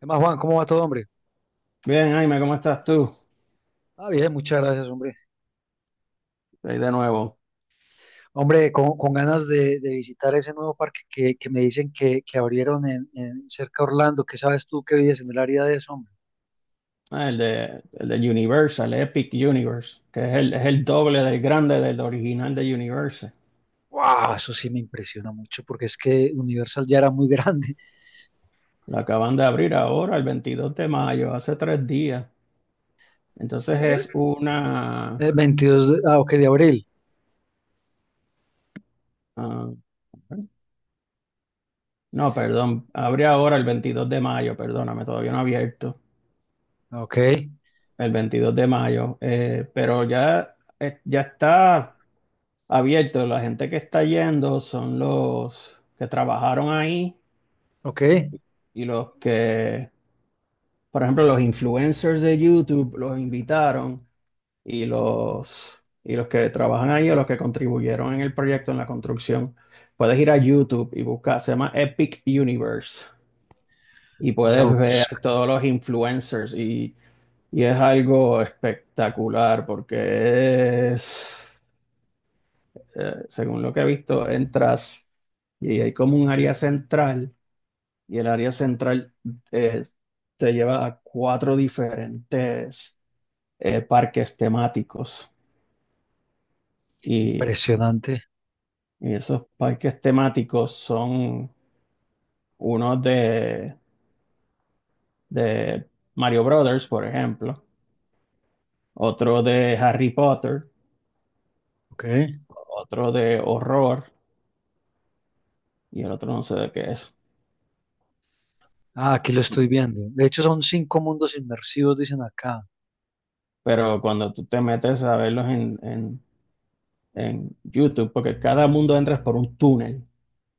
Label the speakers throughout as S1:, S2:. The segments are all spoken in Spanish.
S1: ¿Qué más, Juan? ¿Cómo va todo, hombre?
S2: Bien, Jaime, ¿cómo estás tú?
S1: Ah, bien, muchas gracias, hombre.
S2: Ahí de nuevo.
S1: Hombre, con ganas de visitar ese nuevo parque que me dicen que abrieron en cerca de Orlando. ¿Qué sabes tú que vives en el área de eso, hombre?
S2: Ah, el de Universal, Epic Universe, que es es el doble del grande del original de Universal.
S1: Wow, eso sí me impresiona mucho porque es que Universal ya era muy grande.
S2: Lo acaban de abrir ahora, el 22 de mayo, hace 3 días. Entonces
S1: Eh,
S2: es una...
S1: 22 de, ah, ok, de abril.
S2: ah, no, perdón, abre ahora el 22 de mayo, perdóname, todavía no ha abierto
S1: Ah, ok,
S2: el 22 de mayo, pero ya, ya está abierto. La gente que está yendo son los que trabajaron ahí
S1: ok.
S2: y los que, por ejemplo, los influencers de YouTube los invitaron y los que trabajan ahí o los que contribuyeron en el proyecto, en la construcción, puedes ir a YouTube y buscar, se llama Epic Universe y
S1: Voy a
S2: puedes
S1: ver,
S2: ver todos los influencers y es algo espectacular según lo que he visto, entras y hay como un área central y el área central eh, te lleva a cuatro diferentes parques temáticos. Y,
S1: impresionante.
S2: y esos parques temáticos son uno de Mario Brothers, por ejemplo, otro de Harry Potter,
S1: Ok.
S2: otro de horror y el otro no sé de qué es.
S1: Ah, aquí lo estoy viendo. De hecho, son 5 mundos inmersivos, dicen acá.
S2: Pero cuando tú te metes a verlos en YouTube, porque cada mundo entras por un túnel.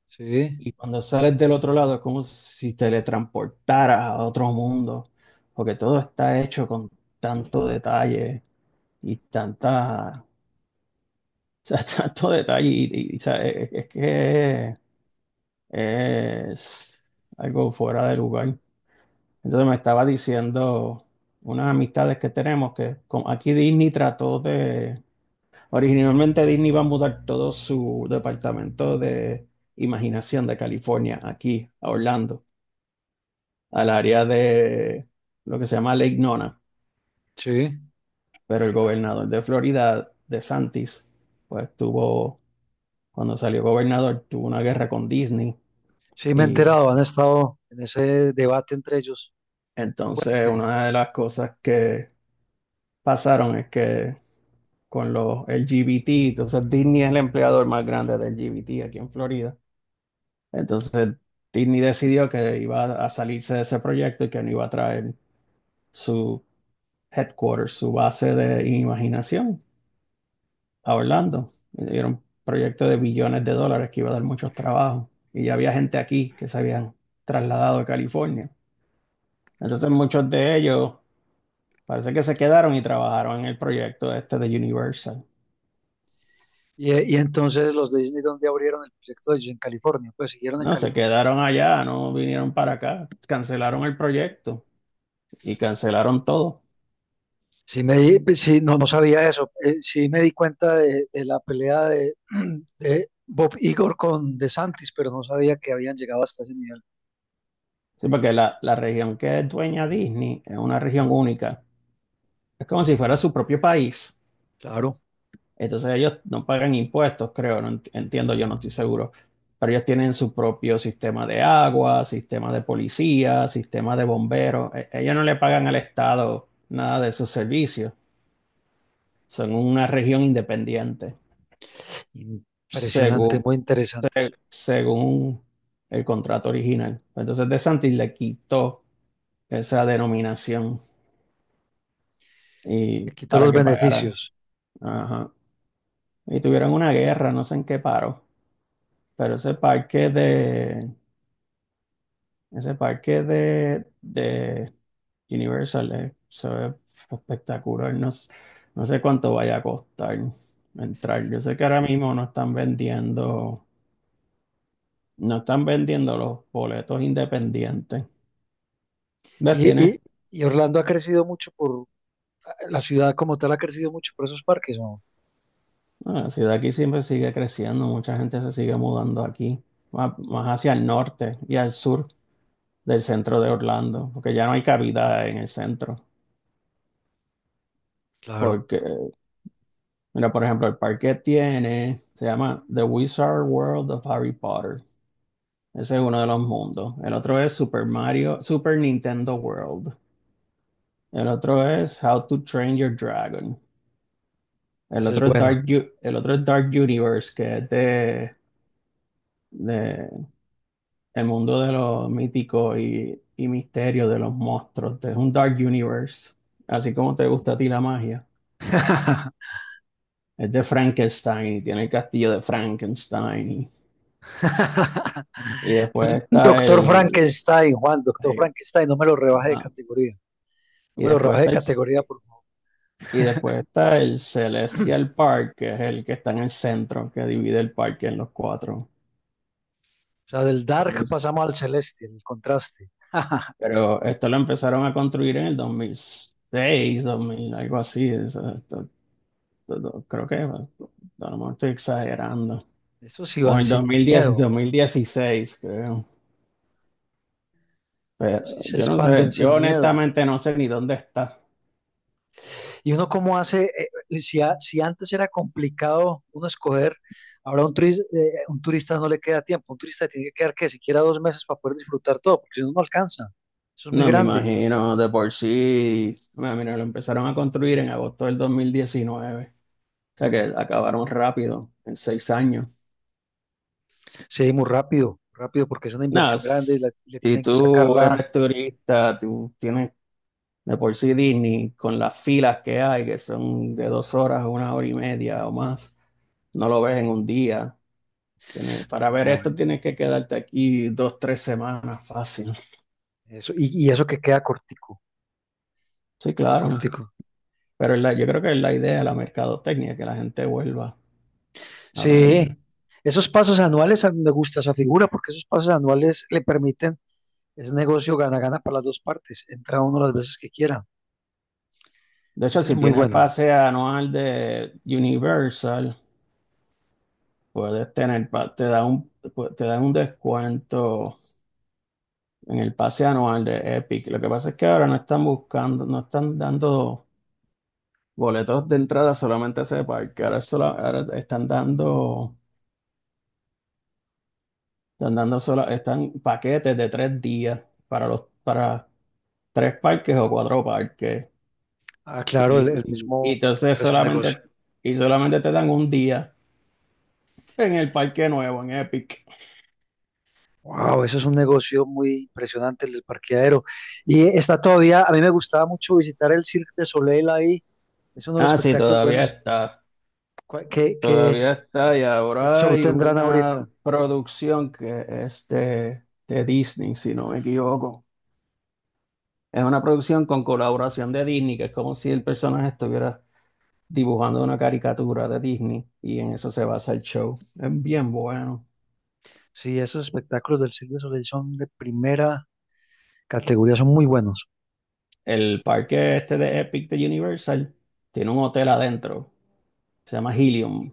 S1: Sí,
S2: Y cuando sales del otro lado es como si te teletransportaras a otro mundo, porque todo está hecho con tanto detalle y tanta, o sea, tanto detalle o sea, es que es algo fuera de lugar. Entonces me estaba diciendo unas amistades que tenemos que como aquí Disney trató de... Originalmente Disney iba a mudar todo su departamento de imaginación de California aquí a Orlando, al área de lo que se llama Lake Nona,
S1: sí.
S2: pero el gobernador de Florida, DeSantis, pues tuvo, cuando salió gobernador, tuvo una guerra con Disney.
S1: Sí, me he
S2: Y
S1: enterado, han estado en ese debate entre ellos.
S2: entonces
S1: Sí.
S2: una de las cosas que pasaron es que con los LGBT, entonces Disney es el empleador más grande de LGBT aquí en Florida. Entonces, Disney decidió que iba a salirse de ese proyecto y que no iba a traer su headquarters, su base de imaginación a Orlando. Era un proyecto de billones de dólares que iba a dar muchos trabajos. Y ya había gente aquí que se habían trasladado a California. Entonces, muchos de ellos parece que se quedaron y trabajaron en el proyecto este de Universal.
S1: Y entonces los de Disney, ¿dónde abrieron el proyecto de ellos? En California, pues siguieron en
S2: No, se
S1: California.
S2: quedaron allá, no vinieron para acá, cancelaron el proyecto y cancelaron todo.
S1: Sí, pues, sí, no, no sabía eso. Sí me di cuenta de la pelea de, de Bob Igor con DeSantis, pero no sabía que habían llegado hasta ese nivel.
S2: Sí, porque la región que es dueña Disney es una región única. Es como si fuera su propio país.
S1: Claro,
S2: Entonces ellos no pagan impuestos, creo, no entiendo, yo no estoy seguro. Pero ellos tienen su propio sistema de agua, sistema de policía, sistema de bomberos. Ellos no le pagan al Estado nada de sus servicios. Son una región independiente,
S1: impresionante,
S2: según,
S1: muy interesante eso.
S2: según el contrato original. Entonces DeSantis le quitó esa denominación. Y
S1: Le quito
S2: para
S1: los
S2: que pagaran.
S1: beneficios.
S2: Ajá. Y tuvieron una guerra, no sé en qué paró, pero ese parque de, ese parque de Universal se ve espectacular. No sé cuánto vaya a costar entrar. Yo sé que ahora mismo no están vendiendo, no están vendiendo los boletos independientes. ¿Ves?
S1: Y,
S2: Tiene...
S1: y, y Orlando ha crecido mucho por, la ciudad como tal ha crecido mucho por esos parques, ¿no?
S2: Ah, la ciudad aquí siempre sigue creciendo, mucha gente se sigue mudando aquí, más hacia el norte y al sur del centro de Orlando, porque ya no hay cabida en el centro.
S1: Claro,
S2: Porque, mira, por ejemplo, el parque tiene, se llama The Wizard World of Harry Potter. Ese es uno de los mundos. El otro es Super Mario, Super Nintendo World. El otro es How to Train Your Dragon. El
S1: eso es
S2: otro es
S1: bueno.
S2: El otro es Dark Universe, que es de el mundo de los míticos y misterio de los monstruos. Es un Dark Universe, así como te gusta a ti la magia. Es de Frankenstein y tiene el castillo de Frankenstein. Y después está
S1: Doctor
S2: el...
S1: Frankenstein, Juan, Doctor
S2: eh,
S1: Frankenstein, no me lo rebaje de
S2: ajá.
S1: categoría. No
S2: Y
S1: me lo
S2: después
S1: rebaje de
S2: está el,
S1: categoría, por favor.
S2: y después está el Celestial Park, que es el que está en el centro, que divide el parque en los cuatro.
S1: O sea, del
S2: Pero,
S1: dark pasamos al celeste, el contraste.
S2: pero esto lo empezaron a construir en el 2006, 2000, algo así. O sea, creo que bueno, a lo mejor estoy exagerando.
S1: Esos sí
S2: O
S1: van
S2: en dos
S1: sin
S2: mil diez dos
S1: miedo.
S2: mil dieciséis creo. Pero
S1: Esos sí se
S2: yo no
S1: expanden
S2: sé,
S1: sin
S2: yo
S1: miedo.
S2: honestamente no sé ni dónde está.
S1: Y uno cómo hace, si, si antes era complicado uno escoger, ahora un turista no le queda tiempo. Un turista tiene que quedar que siquiera 2 meses para poder disfrutar todo, porque si no, no alcanza. Eso es muy
S2: No, me
S1: grande.
S2: imagino, de por sí, bueno, mira, lo empezaron a construir en agosto del 2019, o sea que acabaron rápido, en 6 años.
S1: Sí, muy rápido, rápido, porque es una
S2: Nada,
S1: inversión grande,
S2: s-
S1: le
S2: Si
S1: tienen que sacar
S2: tú
S1: la,
S2: eres turista, tú tienes de por sí Disney con las filas que hay, que son de 2 horas 1 hora y media o más, no lo ves en 1 día. Tienes... para ver
S1: no,
S2: esto tienes que quedarte aquí 2, 3 semanas fácil.
S1: eso, y eso que queda cortico,
S2: Sí,
S1: queda
S2: claro,
S1: cortico.
S2: pero es yo creo que es la idea, la mercadotecnia, que la gente vuelva a
S1: Sí,
S2: verlo.
S1: esos pasos anuales, a mí me gusta esa figura porque esos pasos anuales le permiten, es negocio gana-gana para las dos partes, entra uno las veces que quiera.
S2: De hecho,
S1: Ese es
S2: si
S1: muy
S2: tienes
S1: bueno.
S2: pase anual de Universal, puedes tener, te dan un descuento en el pase anual de Epic. Lo que pasa es que ahora no están buscando, no están dando boletos de entrada solamente a ese parque. Ahora están dando, están paquetes de 3 días para los, para tres parques o cuatro parques.
S1: Ah, claro, el,
S2: Y,
S1: el
S2: y, y
S1: mismo
S2: entonces
S1: parqueadero es un negocio.
S2: solamente, y solamente te dan 1 día en el parque nuevo, en Epic.
S1: Wow, eso es un negocio muy impresionante, el del parqueadero. Y está todavía, a mí me gustaba mucho visitar el Cirque de Soleil ahí, es uno de los
S2: Ah, sí,
S1: espectáculos buenos. ¿Cuál- ¿Qué, qué,
S2: todavía está y
S1: qué
S2: ahora
S1: show
S2: hay
S1: tendrán
S2: una
S1: ahorita?
S2: producción que es de Disney, si no me equivoco. Es una producción con colaboración de Disney, que es como si el personaje estuviera dibujando una caricatura de Disney y en eso se basa el show. Es bien bueno.
S1: Sí, esos espectáculos del Cirque du Soleil son de primera categoría, son muy buenos.
S2: El parque este de Epic de Universal tiene un hotel adentro, se llama Helium.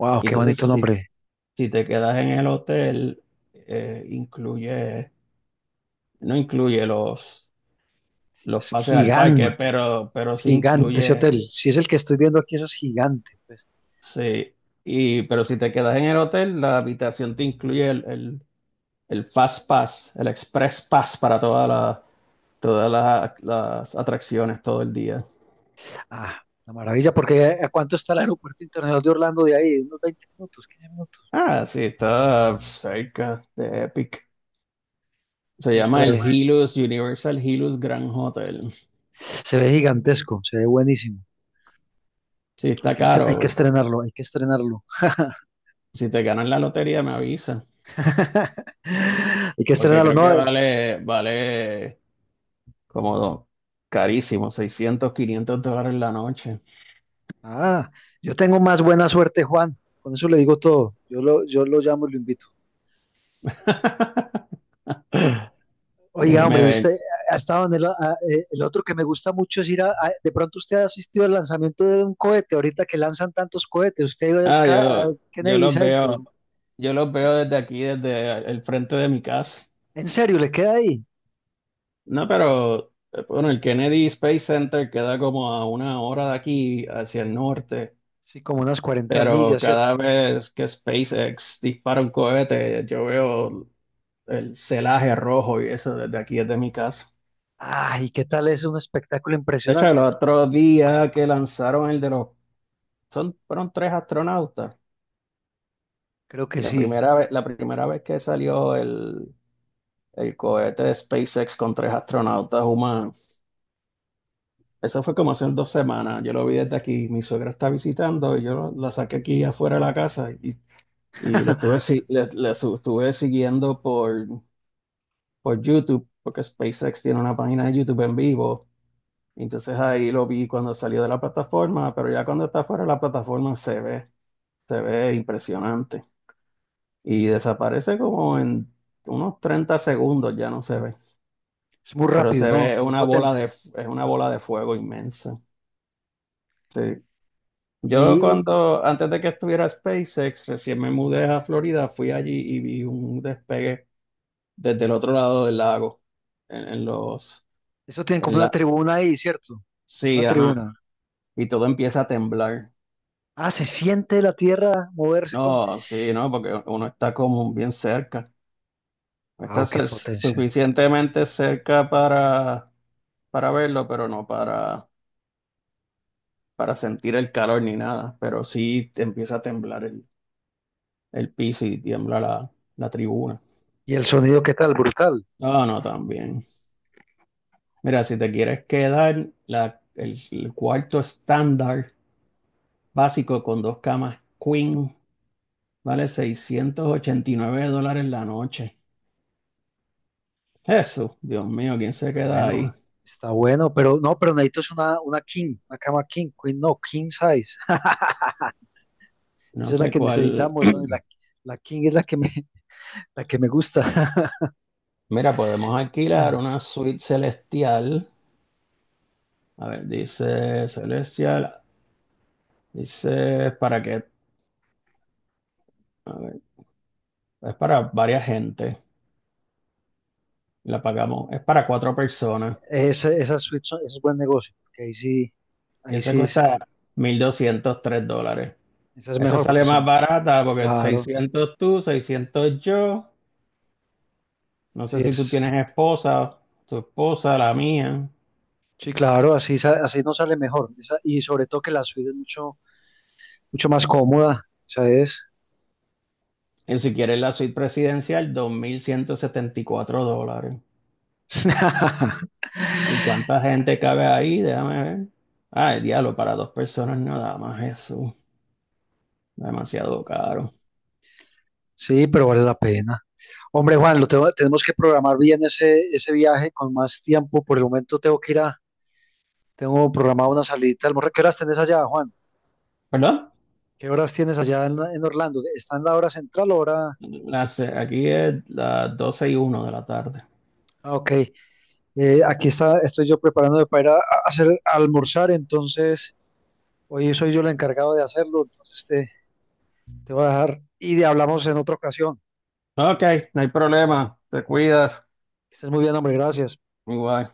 S1: Wow,
S2: Y
S1: qué
S2: entonces,
S1: bonito nombre.
S2: si te quedas en el hotel, incluye, no incluye los
S1: Es
S2: pases al parque,
S1: gigante,
S2: pero sí
S1: gigante ese hotel.
S2: incluye,
S1: Si es el que estoy viendo aquí, eso es gigante. Pues,
S2: sí, y, pero si te quedas en el hotel, la habitación te incluye el Fast Pass, el Express Pass para toda todas las atracciones todo el día.
S1: ah, una maravilla, porque ¿a cuánto está el aeropuerto internacional de Orlando de ahí? Unos 20 minutos, 15 minutos.
S2: Ah, sí, está cerca de Epic. Se llama
S1: Estará
S2: el
S1: ahí.
S2: Hilux, Universal Hilux Grand Hotel.
S1: Se ve gigantesco, se ve buenísimo.
S2: Sí, está
S1: Hay que
S2: caro.
S1: estrenarlo, hay que estrenarlo.
S2: Si te ganas la lotería, me avisa.
S1: Hay que
S2: Porque
S1: estrenarlo,
S2: creo que
S1: ¿no?
S2: vale como carísimo, $600, $500 la noche.
S1: Ah, yo tengo más buena suerte, Juan. Con eso le digo todo. Yo lo llamo y lo invito. Oiga,
S2: Déjeme
S1: hombre,
S2: ver.
S1: usted hasta donde el otro que me gusta mucho es ir a, de pronto usted ha asistido al lanzamiento de un cohete, ahorita que lanzan tantos cohetes, usted ha ido
S2: Ah, yo,
S1: Al
S2: yo
S1: Kennedy
S2: los
S1: Center.
S2: veo, yo los veo desde aquí, desde el frente de mi casa.
S1: ¿En serio le queda ahí?
S2: No, pero bueno, el Kennedy Space Center queda como a 1 hora de aquí hacia el norte,
S1: Sí, como unas cuarenta
S2: pero
S1: millas, ¿cierto?
S2: cada vez que SpaceX dispara un cohete, yo veo el celaje rojo y eso desde aquí, desde mi casa.
S1: Ay, ¿qué tal? Es un espectáculo
S2: De hecho, el
S1: impresionante.
S2: otro día que lanzaron el de los, son, fueron 3 astronautas.
S1: Creo que sí.
S2: La primera vez que salió el... El cohete de SpaceX con 3 astronautas humanos. Eso fue como hace 2 semanas. Yo lo vi desde aquí. Mi suegra está visitando y yo la saqué aquí afuera de la casa y lo estuve, estuve siguiendo por YouTube, porque SpaceX tiene una página de YouTube en vivo. Entonces ahí lo vi cuando salió de la plataforma, pero ya cuando está fuera de la plataforma se ve impresionante. Y desaparece como en unos 30 segundos, ya no se ve.
S1: Es muy
S2: Pero
S1: rápido,
S2: se
S1: ¿no?
S2: ve
S1: Muy
S2: una bola de,
S1: potente.
S2: es una bola de fuego inmensa. Sí. Yo
S1: Y
S2: cuando, antes de que estuviera SpaceX, recién me mudé a Florida, fui allí y vi un despegue desde el otro lado del lago, en los,
S1: eso tiene como
S2: en
S1: una
S2: la,
S1: tribuna ahí, ¿cierto? Como una
S2: sí, ajá,
S1: tribuna.
S2: y todo empieza a temblar.
S1: Ah, se siente la tierra moverse con...
S2: No, sí, no, porque uno está como bien cerca,
S1: ¡Wow, qué potencia!
S2: suficientemente cerca para verlo, pero no para, para sentir el calor ni nada, pero sí te empieza a temblar el piso y tiembla la, la tribuna.
S1: Y el sonido, ¿qué tal? Brutal.
S2: No, no, también. Mira, si te quieres quedar, el cuarto estándar básico con dos camas queen vale $689 la noche. Jesús, Dios mío, ¿quién se
S1: Está
S2: queda
S1: bueno,
S2: ahí?
S1: está bueno, pero no, pero necesito es una king, una cama king, queen no, king size.
S2: No
S1: Esa es la
S2: sé
S1: que
S2: cuál.
S1: necesitamos, ¿no? La king es la que me, la que me gusta.
S2: Mira, podemos alquilar una suite celestial. A ver, dice celestial, dice para que, a ver, es para varias gente. La pagamos, es para cuatro personas.
S1: Esa, es buen negocio, porque ahí
S2: Esa
S1: sí,
S2: cuesta $1203.
S1: esa es
S2: Esa
S1: mejor,
S2: sale
S1: porque
S2: más
S1: son,
S2: barata porque
S1: claro,
S2: 600 tú, 600 yo. No sé
S1: sí
S2: si tú
S1: es,
S2: tienes esposa, tu esposa, la mía.
S1: sí, claro, así, así no sale mejor. Y sobre todo que la suite es mucho, mucho más cómoda, ¿sabes?
S2: Y si quieres la suite presidencial, $2174. ¿Y cuánta gente cabe ahí? Déjame ver. Ay, diablo, para dos personas nada más eso. Demasiado caro.
S1: Sí, pero vale la pena. Hombre, Juan, tenemos que programar bien ese, ese viaje con más tiempo. Por el momento tengo que ir a, tengo programado una salidita. De almuerzo. ¿Qué horas tenés allá, Juan?
S2: ¿Perdón?
S1: ¿Qué horas tienes allá en Orlando? ¿Está en la hora central o hora?
S2: Las... aquí es 12:01 de la tarde.
S1: Ah, ok. Aquí está, estoy yo preparándome para ir a hacer a almorzar, entonces hoy soy yo el encargado de hacerlo, entonces te voy a dejar hablamos en otra ocasión.
S2: Ok, no hay problema. Te cuidas.
S1: Que estés muy bien, hombre, gracias.
S2: Igual.